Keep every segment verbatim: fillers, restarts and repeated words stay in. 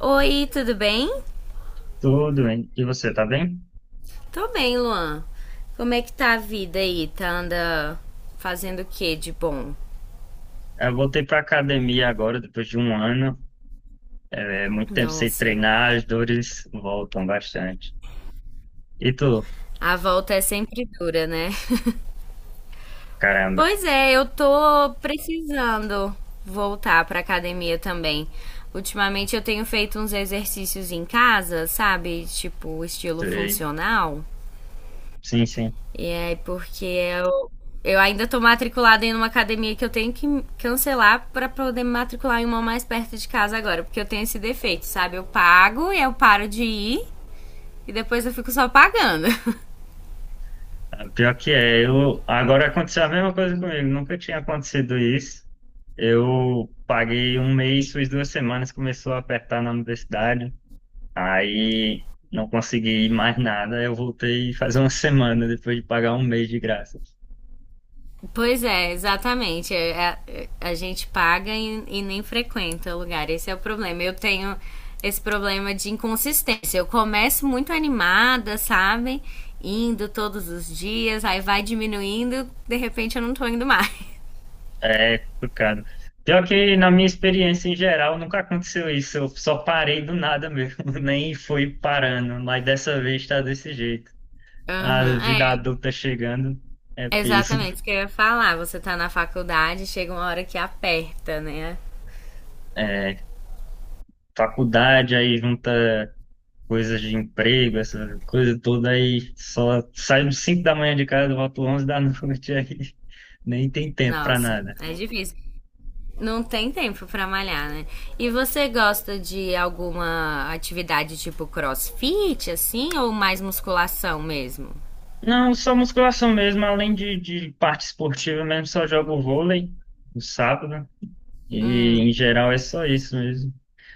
Oi, tudo bem? Tudo bem. E você, tá bem? Tô bem, Luan. Como é que tá a vida aí? Tá anda fazendo o que de bom? Eu voltei pra academia agora, depois de um ano. É, muito tempo sem Nossa, treinar, as dores voltam bastante. E tu? a volta é sempre dura, né? Caramba. Pois é, eu tô precisando voltar pra academia também. Ultimamente eu tenho feito uns exercícios em casa, sabe? Tipo, estilo Sei. funcional. Sim, sim. E é porque eu, eu ainda tô matriculada em uma academia que eu tenho que cancelar para poder me matricular em uma mais perto de casa agora, porque eu tenho esse defeito, sabe? Eu pago e eu paro de ir e depois eu fico só pagando. Ah, pior que é, eu... Agora aconteceu a mesma coisa comigo. Nunca tinha acontecido isso. Eu paguei um mês, fiz duas semanas, começou a apertar na universidade. Aí não consegui ir mais nada. Eu voltei faz uma semana, depois de pagar um mês de graça. Pois é, exatamente. A, a, a gente paga e, e nem frequenta o lugar. Esse é o problema. Eu tenho esse problema de inconsistência. Eu começo muito animada, sabe? Indo todos os dias, aí vai diminuindo, de repente eu não tô indo mais. É complicado. Pior que na minha experiência em geral nunca aconteceu isso. Eu só parei do nada mesmo, nem fui parando, mas dessa vez tá desse jeito. A Aham, é, vida adulta chegando é peso. exatamente isso que eu ia falar. Você tá na faculdade, chega uma hora que aperta, né? É, faculdade aí junta coisas de emprego, essa coisa toda aí só saio às cinco da manhã de casa, volto onze da noite aí. Nem tem tempo pra Nossa, nada. é difícil. Não tem tempo pra malhar, né? E você gosta de alguma atividade tipo crossfit, assim, ou mais musculação mesmo? Não, só musculação mesmo, além de, de parte esportiva mesmo, só jogo vôlei no sábado. E em geral é só isso mesmo.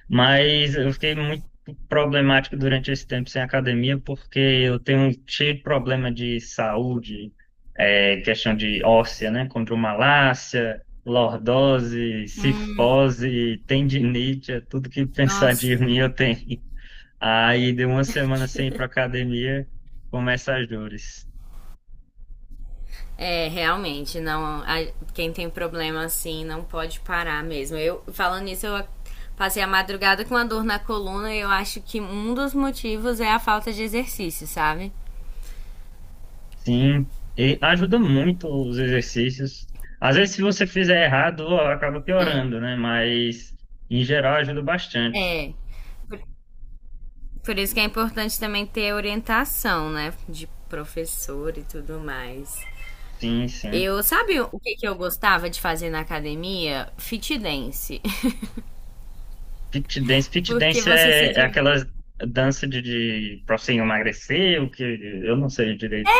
Mas eu fiquei muito problemático durante esse tempo sem academia porque eu tenho um cheio de problema de saúde, é, questão de óssea, né? Condromalácia, lordose, cifose, tendinite, é tudo que pensar de Nossa. mim eu tenho. Aí deu uma semana sem ir para academia, começa as dores. É, realmente, não. A- quem tem problema assim não pode parar mesmo. Eu, falando nisso, eu a- passei a madrugada com a dor na coluna e eu acho que um dos motivos é a falta de exercício, sabe? Sim, e ajuda muito os exercícios. Às vezes, se você fizer errado, ó, acaba É, piorando, né? Mas, em geral, ajuda bastante. é. Por, por isso que é importante também ter orientação, né? De professor e tudo mais. Sim, sim. Eu, sabe o que, que eu gostava de fazer na academia? Fit dance. Fit dance, fit Porque dance você se é, é diverte. aquela dança de, de pra você emagrecer, o que eu não sei direito.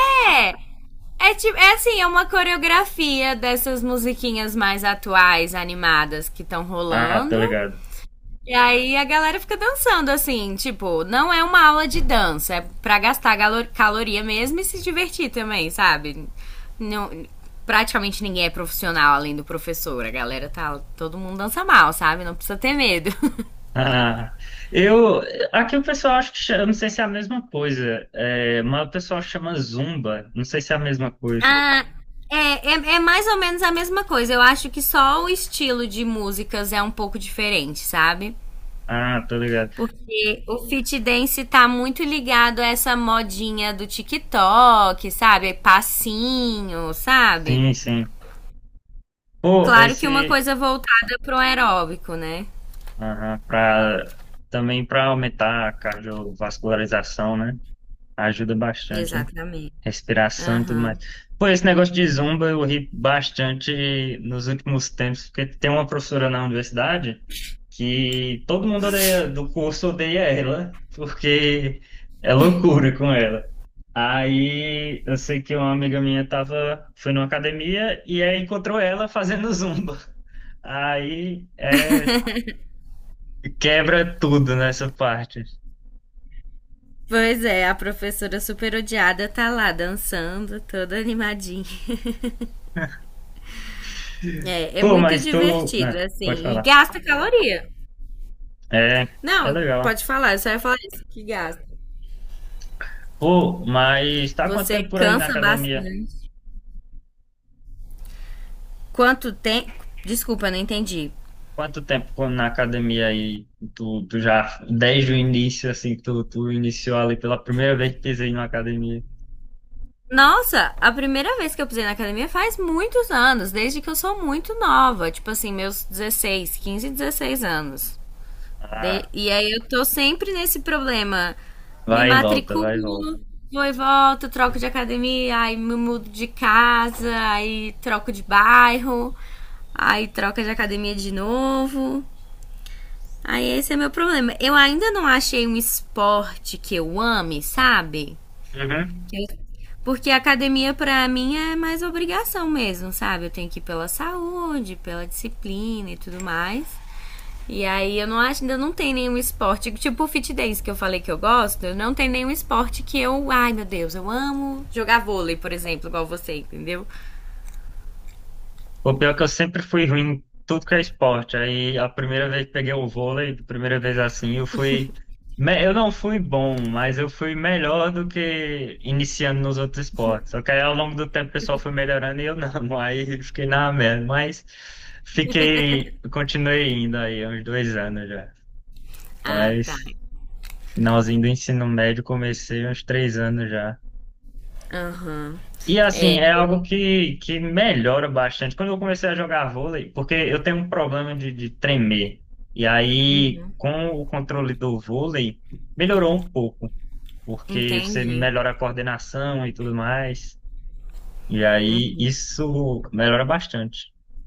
É, é, tipo, é assim, é uma coreografia dessas musiquinhas mais atuais, animadas que estão Ah, tô rolando. ligado. E aí a galera fica dançando assim, tipo, não é uma aula de dança, é pra gastar galo- caloria mesmo e se divertir também, sabe? Não, praticamente ninguém é profissional além do professor, a galera tá, todo mundo dança mal, sabe? Não precisa ter medo. Ah, eu, aqui o pessoal acha que chama, eu não sei se é a mesma coisa, é, mas o pessoal chama Zumba, não sei se é a mesma coisa. Ah, é, é, é mais ou menos a mesma coisa. Eu acho que só o estilo de músicas é um pouco diferente, sabe? Ah, tô ligado. Porque o fit dance tá muito ligado a essa modinha do TikTok, sabe? Passinho, sabe? Sim, sim. Pô, Claro que uma esse, coisa voltada pro aeróbico, né? aham, pra, também para aumentar a cardiovascularização, né? Ajuda bastante, né? Exatamente. Respiração e tudo mais. Aham. Pô, esse negócio de zumba eu ri bastante nos últimos tempos, porque tem uma professora na universidade que todo mundo odeia, do curso odeia ela, porque é loucura com ela. Aí eu sei que uma amiga minha tava, foi numa academia e aí encontrou ela fazendo zumba. Aí é, quebra tudo nessa parte. Pois é, a professora super odiada tá lá dançando, toda animadinha. É, é Pô, muito mas tu. divertido, Né, pode assim, e falar. gasta caloria. É, é Não, legal. pode falar, eu só ia falar isso, que gasta. Pô, mas tá quanto Você tempo por aí na cansa academia? bastante. Quanto tempo? Desculpa, não entendi. Quanto tempo na academia aí? Tu, tu já, desde o início, assim, tu, tu iniciou ali pela primeira vez que pisei na academia. Nossa, a primeira vez que eu pisei na academia faz muitos anos, desde que eu sou muito nova, tipo assim, meus dezesseis, quinze, dezesseis anos. De- Ah, E aí eu tô sempre nesse problema. Me vai e volta, vai e volta. matriculo, vou e volto, troco de academia, aí me mudo de casa, aí troco de bairro, aí troca de academia de novo. Aí esse é meu problema. Eu ainda não achei um esporte que eu ame, sabe? Uhum. Eu- Porque a academia pra mim é mais obrigação mesmo, sabe? Eu tenho que ir pela saúde, pela disciplina e tudo mais. E aí eu não acho, ainda não tem nenhum esporte, tipo o fit dance que eu falei que eu gosto, eu não tem nenhum esporte que eu, ai meu Deus, eu amo jogar vôlei, por exemplo, igual você, entendeu? O pior é que eu sempre fui ruim em tudo que é esporte. Aí a primeira vez que peguei o vôlei, a primeira vez assim, eu fui. Me- eu não fui bom, mas eu fui melhor do que iniciando nos outros esportes. Só que aí ao longo do tempo o pessoal foi melhorando e eu não. Aí fiquei na merda. Mas fiquei. Continuei indo aí, uns dois anos já. Ah, tá. Mas finalzinho do ensino médio comecei uns três anos já. Aham. E assim, É, é algo que, que melhora bastante. Quando eu comecei a jogar vôlei, porque eu tenho um problema de, de tremer. E aí, com o controle do vôlei, melhorou um pouco, porque você entendi. melhora a coordenação e tudo mais. E aí, isso melhora bastante.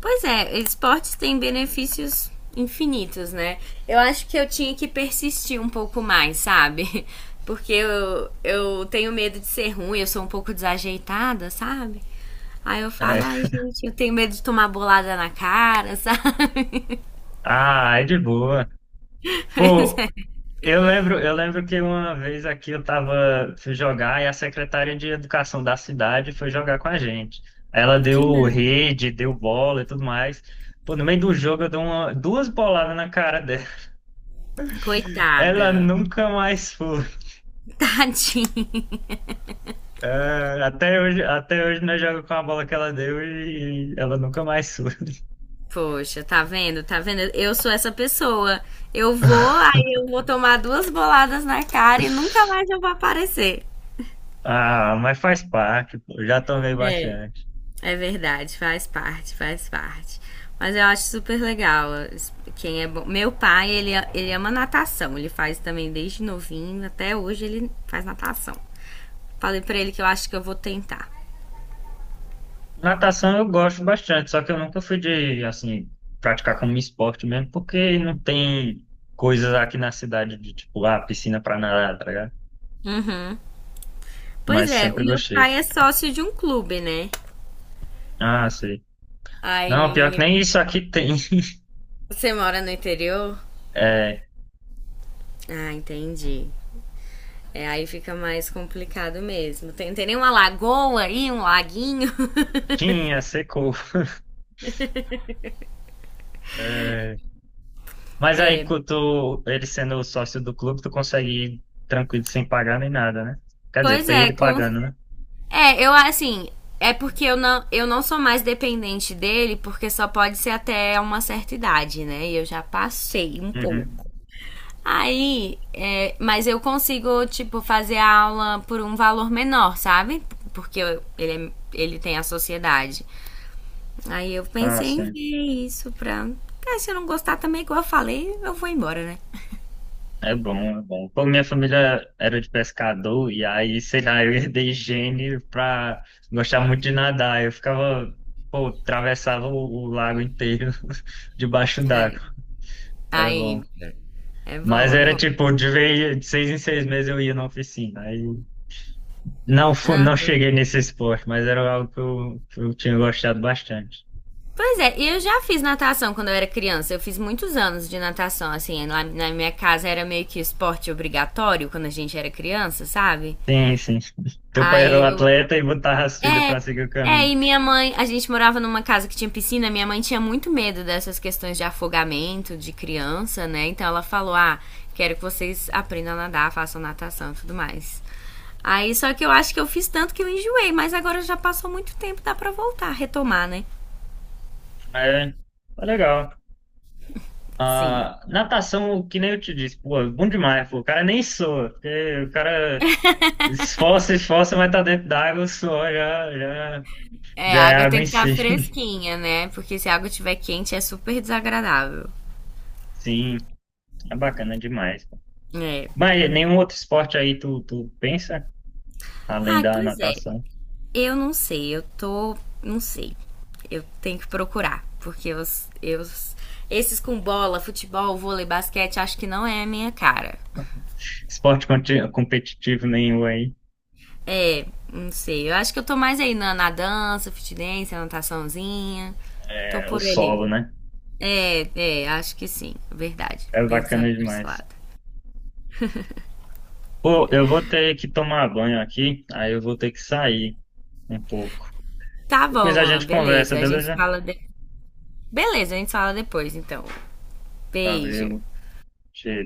Pois é, esportes têm benefícios infinitos, né? Eu acho que eu tinha que persistir um pouco mais, sabe? Porque eu, eu tenho medo de ser ruim, eu sou um pouco desajeitada, sabe? Aí eu É. falo, ai gente, eu tenho medo de tomar bolada na cara, sabe? Ah, é de boa. Pois Pô, é. Eu lembro, eu lembro que uma vez aqui eu tava, fui jogar e a secretária de educação da cidade foi jogar com a gente. Ela Que deu merda. rede, deu bola e tudo mais. Pô, no meio do jogo eu dei uma, duas boladas na cara dela. Coitada. Ela nunca mais foi. Tadinha. É, até hoje, até hoje nós jogamos com a bola que ela deu e ela nunca mais foi. Poxa, tá vendo? Tá vendo? Eu sou essa pessoa. Eu vou, aí eu vou tomar duas boladas na cara e nunca mais eu vou aparecer. Ah, mas faz parte, pô, já tomei É. bastante. É verdade, faz parte, faz parte. Mas eu acho super legal. Quem é bom. Meu pai, ele, ele ama natação. Ele faz também desde novinho, até hoje ele faz natação. Falei pra ele que eu acho que eu vou tentar. Natação eu gosto bastante, só que eu nunca fui de, assim, praticar como esporte mesmo, porque não tem coisas aqui na cidade de, tipo, ah, piscina pra nadar, tá ligado? Uhum. Pois Mas é, o sempre meu gostei. pai é sócio de um clube, né? Ah, sei. Não, pior que nem Aí isso aqui tem. você mora no interior? É, Ah, entendi. É, aí fica mais complicado mesmo. Tem, tem nem uma lagoa aí, um laguinho? tinha, secou. É, mas aí, quando tu, ele sendo o sócio do clube, tu consegue ir tranquilo, sem pagar nem nada, né? Quer dizer, Pois pra é, ele com pagando, né? É, eu assim, é porque eu não, eu não sou mais dependente dele, porque só pode ser até uma certa idade, né? E eu já passei um pouco. Uhum. Aí, é, mas eu consigo, tipo, fazer a aula por um valor menor, sabe? Porque eu- ele, é- ele tem a sociedade. Aí eu Ah, pensei em sim. ver isso pra. Ah, se eu não gostar também, igual eu falei, eu vou embora, né? É bom, é bom. Pô, minha família era de pescador, e aí, sei lá, eu herdei gene pra gostar muito de nadar. Eu ficava, pô, atravessava o, o lago inteiro debaixo d'água. Aí, Era bom. aí é Mas bom, é era bom. tipo, de vez, de seis em seis meses eu ia na oficina. Aí não, fu- não cheguei nesse esporte, mas era algo que eu, que eu tinha gostado bastante. Pois é, eu já fiz natação quando eu era criança. Eu fiz muitos anos de natação, assim. Lá na minha casa era meio que esporte obrigatório quando a gente era criança, sabe? Sim, sim. Teu pai era Aí um eu. atleta e botava as filhas É, pra seguir o é, caminho. e minha mãe. A gente morava numa casa que tinha piscina. Minha mãe tinha muito medo dessas questões de afogamento de criança, né? Então ela falou: ah, quero que vocês aprendam a nadar, façam natação e tudo mais. Aí só que eu acho que eu fiz tanto que eu enjoei, mas agora já passou muito tempo, dá pra voltar, retomar, né? É, tá legal. Sim. Ah, natação, que nem eu te disse, pô, é bom demais, pô. O cara nem soa, porque o cara esforça, esforça, mas tá dentro d'água, o suor já, já, É, já a é água água tem em que estar si. fresquinha, né? Porque se a água estiver quente é super desagradável. Sim, é bacana demais, pô. É. Mas nenhum outro esporte aí tu, tu pensa, além Ah, da pois é. natação? Eu não sei, eu tô. Não sei. Eu tenho que procurar. Porque os, eu, esses com bola, futebol, vôlei, basquete, acho que não é a minha cara. Esporte conti- competitivo nenhum aí, É, não sei. Eu acho que eu tô mais aí na, na dança, fitness, nataçãozinha. Tô é o por ali. solo, né? É, é, acho que sim. Verdade. É Pensando bacana por esse demais. lado. Pô, eu vou ter que tomar banho aqui, aí eu vou ter que sair um pouco. Tá Depois bom, a Luan, gente conversa, beleza. A gente se beleza? fala. Beleza, a gente fala depois, então. Beijo. Valeu, cheiro.